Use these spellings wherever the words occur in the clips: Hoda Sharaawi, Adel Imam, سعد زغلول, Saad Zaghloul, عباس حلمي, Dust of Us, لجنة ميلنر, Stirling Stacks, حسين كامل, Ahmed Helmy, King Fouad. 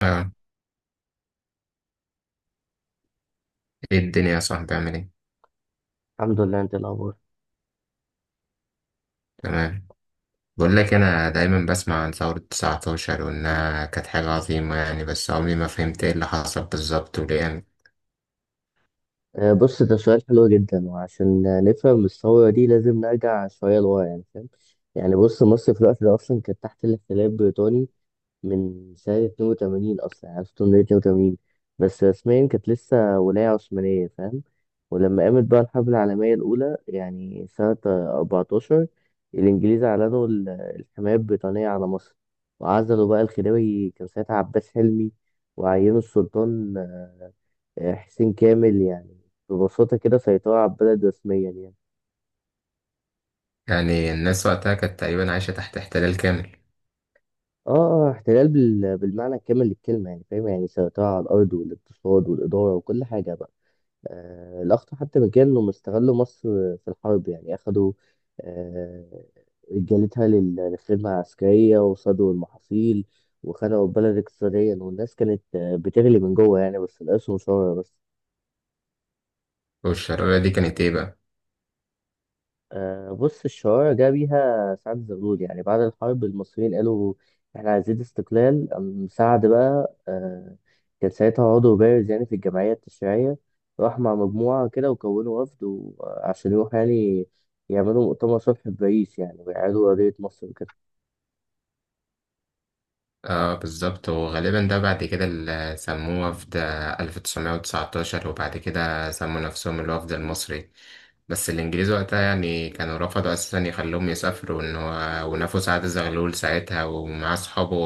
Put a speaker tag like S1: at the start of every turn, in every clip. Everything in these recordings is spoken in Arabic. S1: اه، ايه الدنيا يا صاحبي عامل ايه؟
S2: الحمد لله. انت إيه الاخبار؟
S1: تمام. بقول لك انا دايما بسمع عن ثورة 19 وانها كانت حاجة عظيمة يعني، بس عمري ما فهمت ايه اللي حصل بالظبط وليه يعني.
S2: آه، بص، ده سؤال حلو جدا. وعشان نفهم الثوره دي لازم نرجع شويه لورا، يعني فاهم؟ يعني بص، مصر في الوقت ده اصلا كانت تحت الاحتلال البريطاني من سنه 82، اصلا يعني 1882. بس رسميا كانت لسه ولايه عثمانيه، فاهم؟ ولما قامت بقى الحرب العالميه الاولى، يعني سنه 14، الانجليز اعلنوا الحمايه البريطانيه على مصر. وعزلوا بقى الخديوي، كان ساعتها عباس حلمي، وعينوا السلطان حسين كامل، يعني. ببساطة كده، سيطرة على البلد رسميا يعني.
S1: يعني الناس وقتها كانت تقريبا عايشة تحت احتلال كامل.
S2: اه، اه، احتلال بالمعنى الكامل للكلمة، يعني فاهم؟ يعني سيطرة على الأرض والاقتصاد والإدارة وكل حاجة بقى. آه، الأخطر حتى من كده إنهم استغلوا مصر في الحرب، يعني أخدوا آه رجالتها للخدمة العسكرية وصادوا المحاصيل. وخنقوا البلد اقتصاديا، والناس كانت بتغلي من جوه، يعني بس القسم شر بس.
S1: والشرارة دي كانت ايه بقى؟
S2: آه، بص، الشوارع جه بيها سعد زغلول. يعني بعد الحرب المصريين قالوا احنا عايزين استقلال. قام سعد بقى كان ساعتها عضو بارز يعني في الجمعية التشريعية. راح مع مجموعة كده وكونوا وفد، عشان يروح يعني يعملوا مؤتمر صلح في باريس، يعني ويعادوا قضية مصر وكده.
S1: اه بالظبط، وغالبا ده بعد كده اللي سموه وفد 1919، وبعد كده سموا نفسهم الوفد المصري. بس الإنجليز وقتها يعني كانوا رفضوا أساسا يخلوهم يسافروا، إن هو ونفوا سعد زغلول ساعتها ومعاه صحابه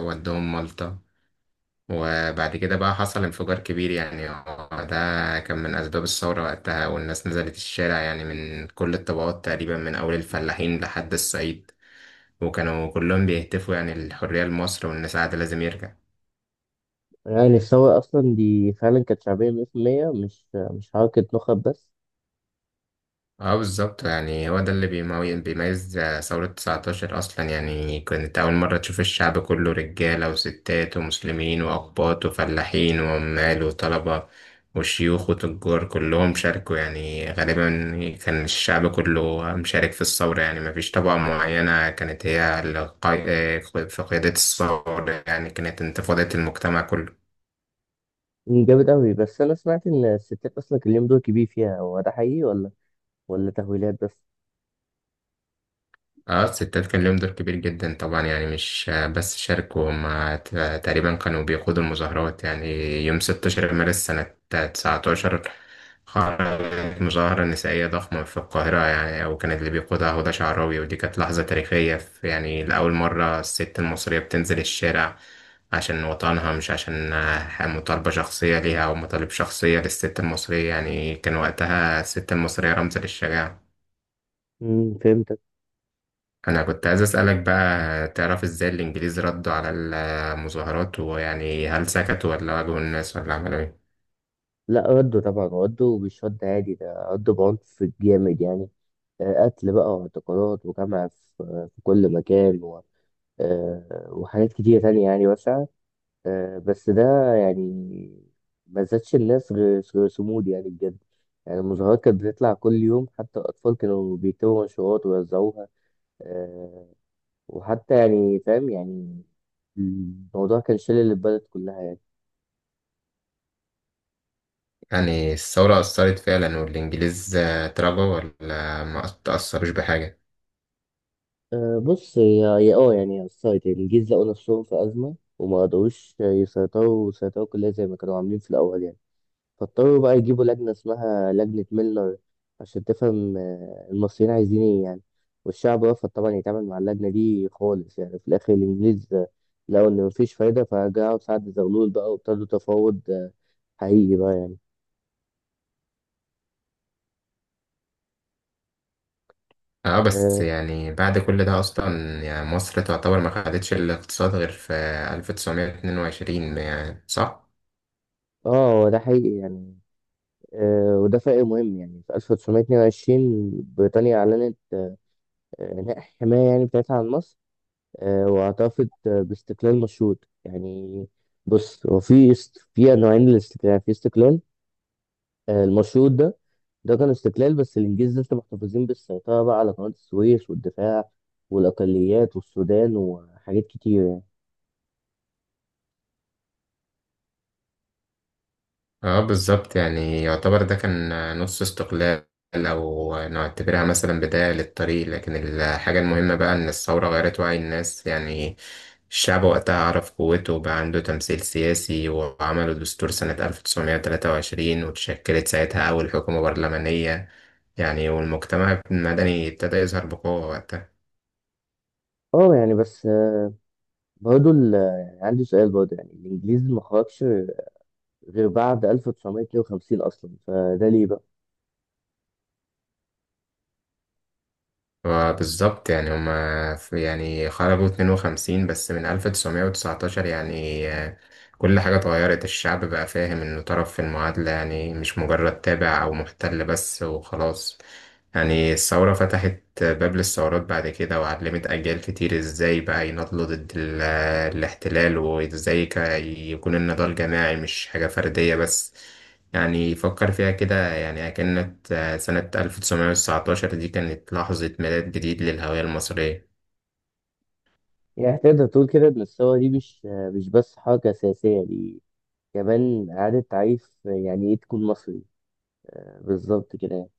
S1: ودوهم مالطا. وبعد كده بقى حصل انفجار كبير، يعني هو ده كان من أسباب الثورة وقتها، والناس نزلت الشارع يعني من كل الطبقات تقريبا، من أول الفلاحين لحد الصعيد، وكانوا كلهم بيهتفوا يعني الحرية لمصر، وإن سعد لازم يرجع.
S2: يعني الثورة أصلا دي فعلا كانت شعبية مية في المية، مش حركة نخب بس.
S1: اه بالظبط، يعني هو ده اللي بيميز ثورة 19 أصلا. يعني كانت أول مرة تشوف الشعب كله، رجالة وستات ومسلمين وأقباط وفلاحين وعمال وطلبة وشيوخ وتجار، كلهم شاركوا يعني. غالبا كان الشعب كله مشارك في الثورة، يعني مفيش طبقة معينة كانت هي في قيادة الثورة، يعني كانت انتفاضة المجتمع كله.
S2: جامد أوي. بس أنا سمعت إن الستات أصلا كان ليهم دور كبير فيها، هو ده حقيقي ولا تهويلات بس؟
S1: اه الستات كان لهم دور كبير جدا طبعا، يعني مش بس شاركوا، هم تقريبا كانوا بيقودوا المظاهرات يعني. يوم 16 مارس سنة 19 خرجت مظاهرة نسائية ضخمة في القاهرة يعني، وكانت اللي بيقودها هدى شعراوي، ودي كانت لحظة تاريخية، في يعني لأول مرة الست المصرية بتنزل الشارع عشان وطنها، مش عشان مطالبة شخصية ليها أو مطالب شخصية للست المصرية. يعني كان وقتها الست المصرية رمز للشجاعة.
S2: فهمت.
S1: انا كنت عايز اسالك بقى، تعرف ازاي الانجليز ردوا على المظاهرات؟ ويعني هل سكتوا ولا واجهوا الناس ولا عملوا ايه؟
S2: لا، ردوا طبعا، ردوا مش رد عادي ده، ردوا بعنف جامد يعني. قتل بقى واعتقالات وجمع في في كل مكان وحاجات كتيرة تانية، يعني واسعة. بس ده يعني ما زادش الناس غير صمود يعني بجد. يعني المظاهرات كانت بتطلع كل يوم، حتى الأطفال كانوا بيكتبوا منشورات ويوزعوها آه، وحتى يعني فاهم يعني. الموضوع كان شلل البلد كلها، يعني.
S1: يعني الثوره اثرت فعلا والانجليز اتراجعوا، ولا ما تاثروش بحاجه؟
S2: أه، بص، هي هي اه يعني الصيد الجيش لقوا نفسهم في أزمة، وما قدروش يسيطروا وسيطروا كلها زي ما كانوا عاملين في الأول يعني. فاضطروا بقى يجيبوا لجنة اسمها لجنة ميلنر عشان تفهم المصريين عايزين ايه، يعني. والشعب رفض طبعا يتعامل مع اللجنة دي خالص. يعني في الآخر الإنجليز لقوا إن مفيش فايدة، فرجعوا سعد زغلول بقى وابتدوا تفاوض حقيقي بقى يعني.
S1: اه بس
S2: اه،
S1: يعني بعد كل ده اصلا، يعني مصر تعتبر ما خدتش الاقتصاد غير في 1922 يعني، صح؟
S2: هو ده حقيقي يعني. وده فرق مهم، يعني في 1922 بريطانيا أعلنت اللي هي الحماية يعني بتاعتها عن مصر. واعترفت باستقلال مشروط يعني. بص، هو في في نوعين للاستقلال، في استقلال المشروط ده. ده كان استقلال بس الإنجليز لسه محتفظين بالسيطرة بقى على قناة السويس والدفاع والأقليات والسودان وحاجات كتير يعني.
S1: اه بالظبط، يعني يعتبر ده كان نص استقلال، او نعتبرها مثلا بداية للطريق. لكن الحاجة المهمة بقى ان الثورة غيرت وعي الناس يعني. الشعب وقتها عرف قوته وبقى عنده تمثيل سياسي، وعملوا دستور سنة 1923، وتشكلت ساعتها أول حكومة برلمانية يعني، والمجتمع المدني ابتدى يظهر بقوة وقتها.
S2: اه، يعني بس برضه يعني عندي سؤال، برضه يعني الإنجليز ما خرجش غير بعد 1952 أصلا، فده ليه بقى؟
S1: بالظبط، يعني هما يعني خرجوا 52 بس، من 1919 يعني كل حاجة اتغيرت. الشعب بقى فاهم إنه طرف في المعادلة، يعني مش مجرد تابع أو محتل بس وخلاص. يعني الثورة فتحت باب للثورات بعد كده، وعلمت أجيال كتير إزاي بقى يناضلوا ضد الاحتلال، وإزاي يكون النضال جماعي مش حاجة فردية بس. يعني فكر فيها كده، يعني كانت سنة 1919 دي كانت لحظة ميلاد جديد للهوية المصرية.
S2: يعني تقدر تقول كده إن الثورة دي مش بس حركة سياسية، دي كمان إعادة تعريف يعني إيه تكون مصري. بالظبط كده، يعني.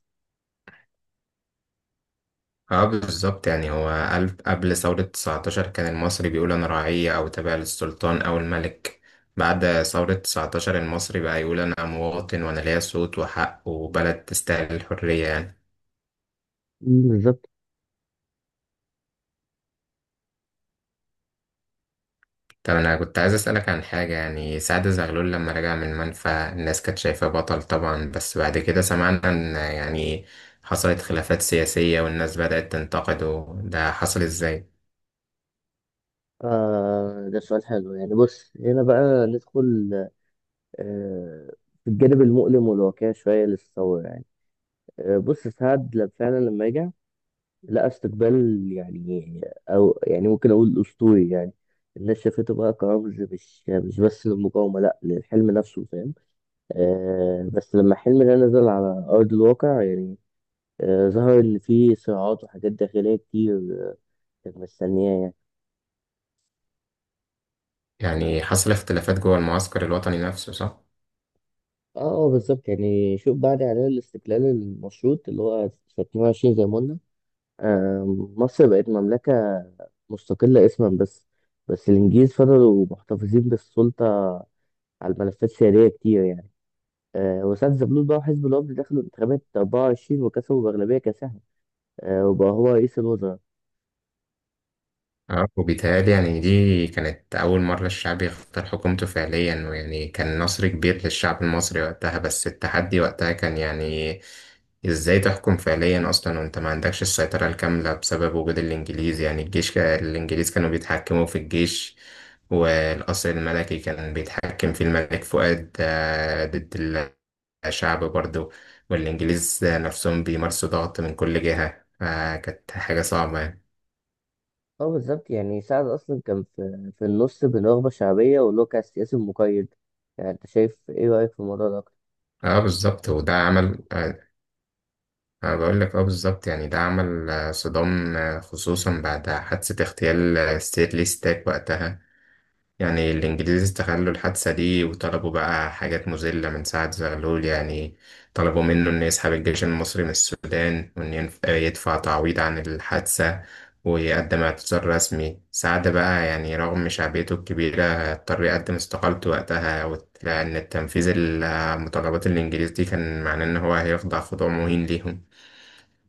S1: اه بالظبط، يعني هو ألف قبل ثورة 19 كان المصري بيقول أنا رعية أو تابع للسلطان أو الملك. بعد ثورة 19 المصري بقى يقول أنا مواطن وأنا ليا صوت وحق وبلد تستاهل الحرية يعني.
S2: مم، بالظبط.
S1: طب أنا كنت عايز أسألك عن حاجة، يعني سعد زغلول لما رجع من المنفى الناس كانت شايفاه بطل طبعا، بس بعد كده سمعنا إن يعني حصلت خلافات سياسية والناس بدأت تنتقده، ده حصل إزاي؟
S2: آه، ده سؤال حلو يعني. بص، هنا بقى ندخل آه في الجانب المؤلم والواقعي شوية للثورة يعني. آه، بص، سعد فعلا لما رجع لقى استقبال يعني، أو يعني ممكن أقول أسطوري يعني. الناس شافته بقى كرمز مش بس للمقاومة، لأ، للحلم نفسه، فاهم؟ آه، بس لما الحلم ده نزل على أرض الواقع يعني، ظهر إن في صراعات وحاجات داخلية كتير آه، كانت مستنياه يعني.
S1: يعني حصل اختلافات جوه المعسكر الوطني نفسه صح؟
S2: اه، بالظبط يعني شوف، بعد إعلان الاستقلال المشروط اللي هو في 22 زي ما قلنا مصر بقت مملكة مستقلة اسما بس. بس الإنجليز فضلوا محتفظين بالسلطة على الملفات السيادية كتير يعني. وساعة زبلول بقى وحزب الوفد دخلوا انتخابات 24 وكسبوا بأغلبية كاسحة. وبقى هو رئيس الوزراء.
S1: اه وبيتهيألي يعني دي كانت أول مرة الشعب يختار حكومته فعليا، ويعني كان نصر كبير للشعب المصري وقتها، بس التحدي وقتها كان يعني ازاي تحكم فعليا أصلا وانت ما عندكش السيطرة الكاملة بسبب وجود الإنجليز. يعني الجيش الإنجليز كانوا بيتحكموا في الجيش، والقصر الملكي كان بيتحكم فيه الملك فؤاد ضد الشعب برضه، والإنجليز نفسهم بيمارسوا ضغط من كل جهة، فكانت حاجة صعبة يعني.
S2: اه، بالظبط يعني سعد اصلا كان في النص، بين رغبه شعبيه واللي هو كان سياسي مقيد. يعني انت شايف، ايه رايك في الموضوع ده اكتر؟
S1: اه بالظبط، وده عمل انا بقول لك، اه بالظبط، يعني ده عمل صدام، خصوصا بعد حادثة اغتيال ستيرلي ستاك وقتها. يعني الإنجليز استغلوا الحادثة دي وطلبوا بقى حاجات مذلة من سعد زغلول يعني. طلبوا منه إنه يسحب الجيش المصري من السودان، وإن يدفع تعويض عن الحادثة، ويقدم اعتذار رسمي. سعد بقى، يعني رغم شعبيته الكبيرة، اضطر يقدم استقالته وقتها، لأن التنفيذ المتطلبات الإنجليز دي كان معناه إن هو هيخضع خضوع مهين ليهم.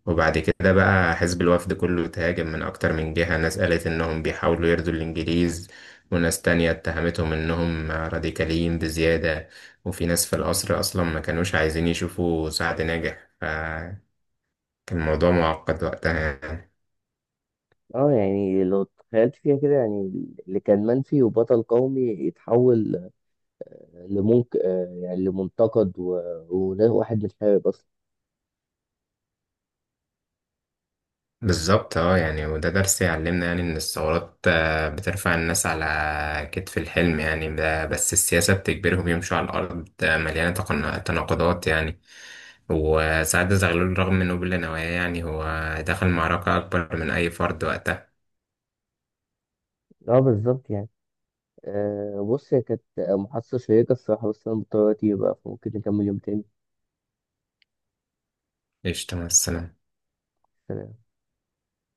S1: وبعد كده بقى حزب الوفد كله تهاجم من أكتر من جهة، ناس قالت إنهم بيحاولوا يرضوا الإنجليز، وناس تانية اتهمتهم إنهم راديكاليين بزيادة، وفي ناس في القصر أصلا ما كانوش عايزين يشوفوا سعد ناجح، فكان الموضوع معقد وقتها يعني.
S2: اه، يعني لو تخيلت فيها كده يعني، اللي كان منفي وبطل قومي يتحول لمنك آه يعني لمنتقد وواحد متحارب اصلا.
S1: بالظبط اه، يعني وده درس يعلمنا، يعني إن الثورات بترفع الناس على كتف الحلم يعني، بس السياسة بتجبرهم يمشوا على الأرض مليانة تناقضات يعني. وساعات زغلول رغم إنه بلا نوايا، يعني هو دخل معركة أكبر من أي فرد وقتها.
S2: اه، بالظبط يعني. آه، بص، هي كانت محادثه شيقه الصراحه، بس انا مضطر دلوقتي بقى، فممكن نكمل يوم تاني.
S1: قشطة، مع السلامة.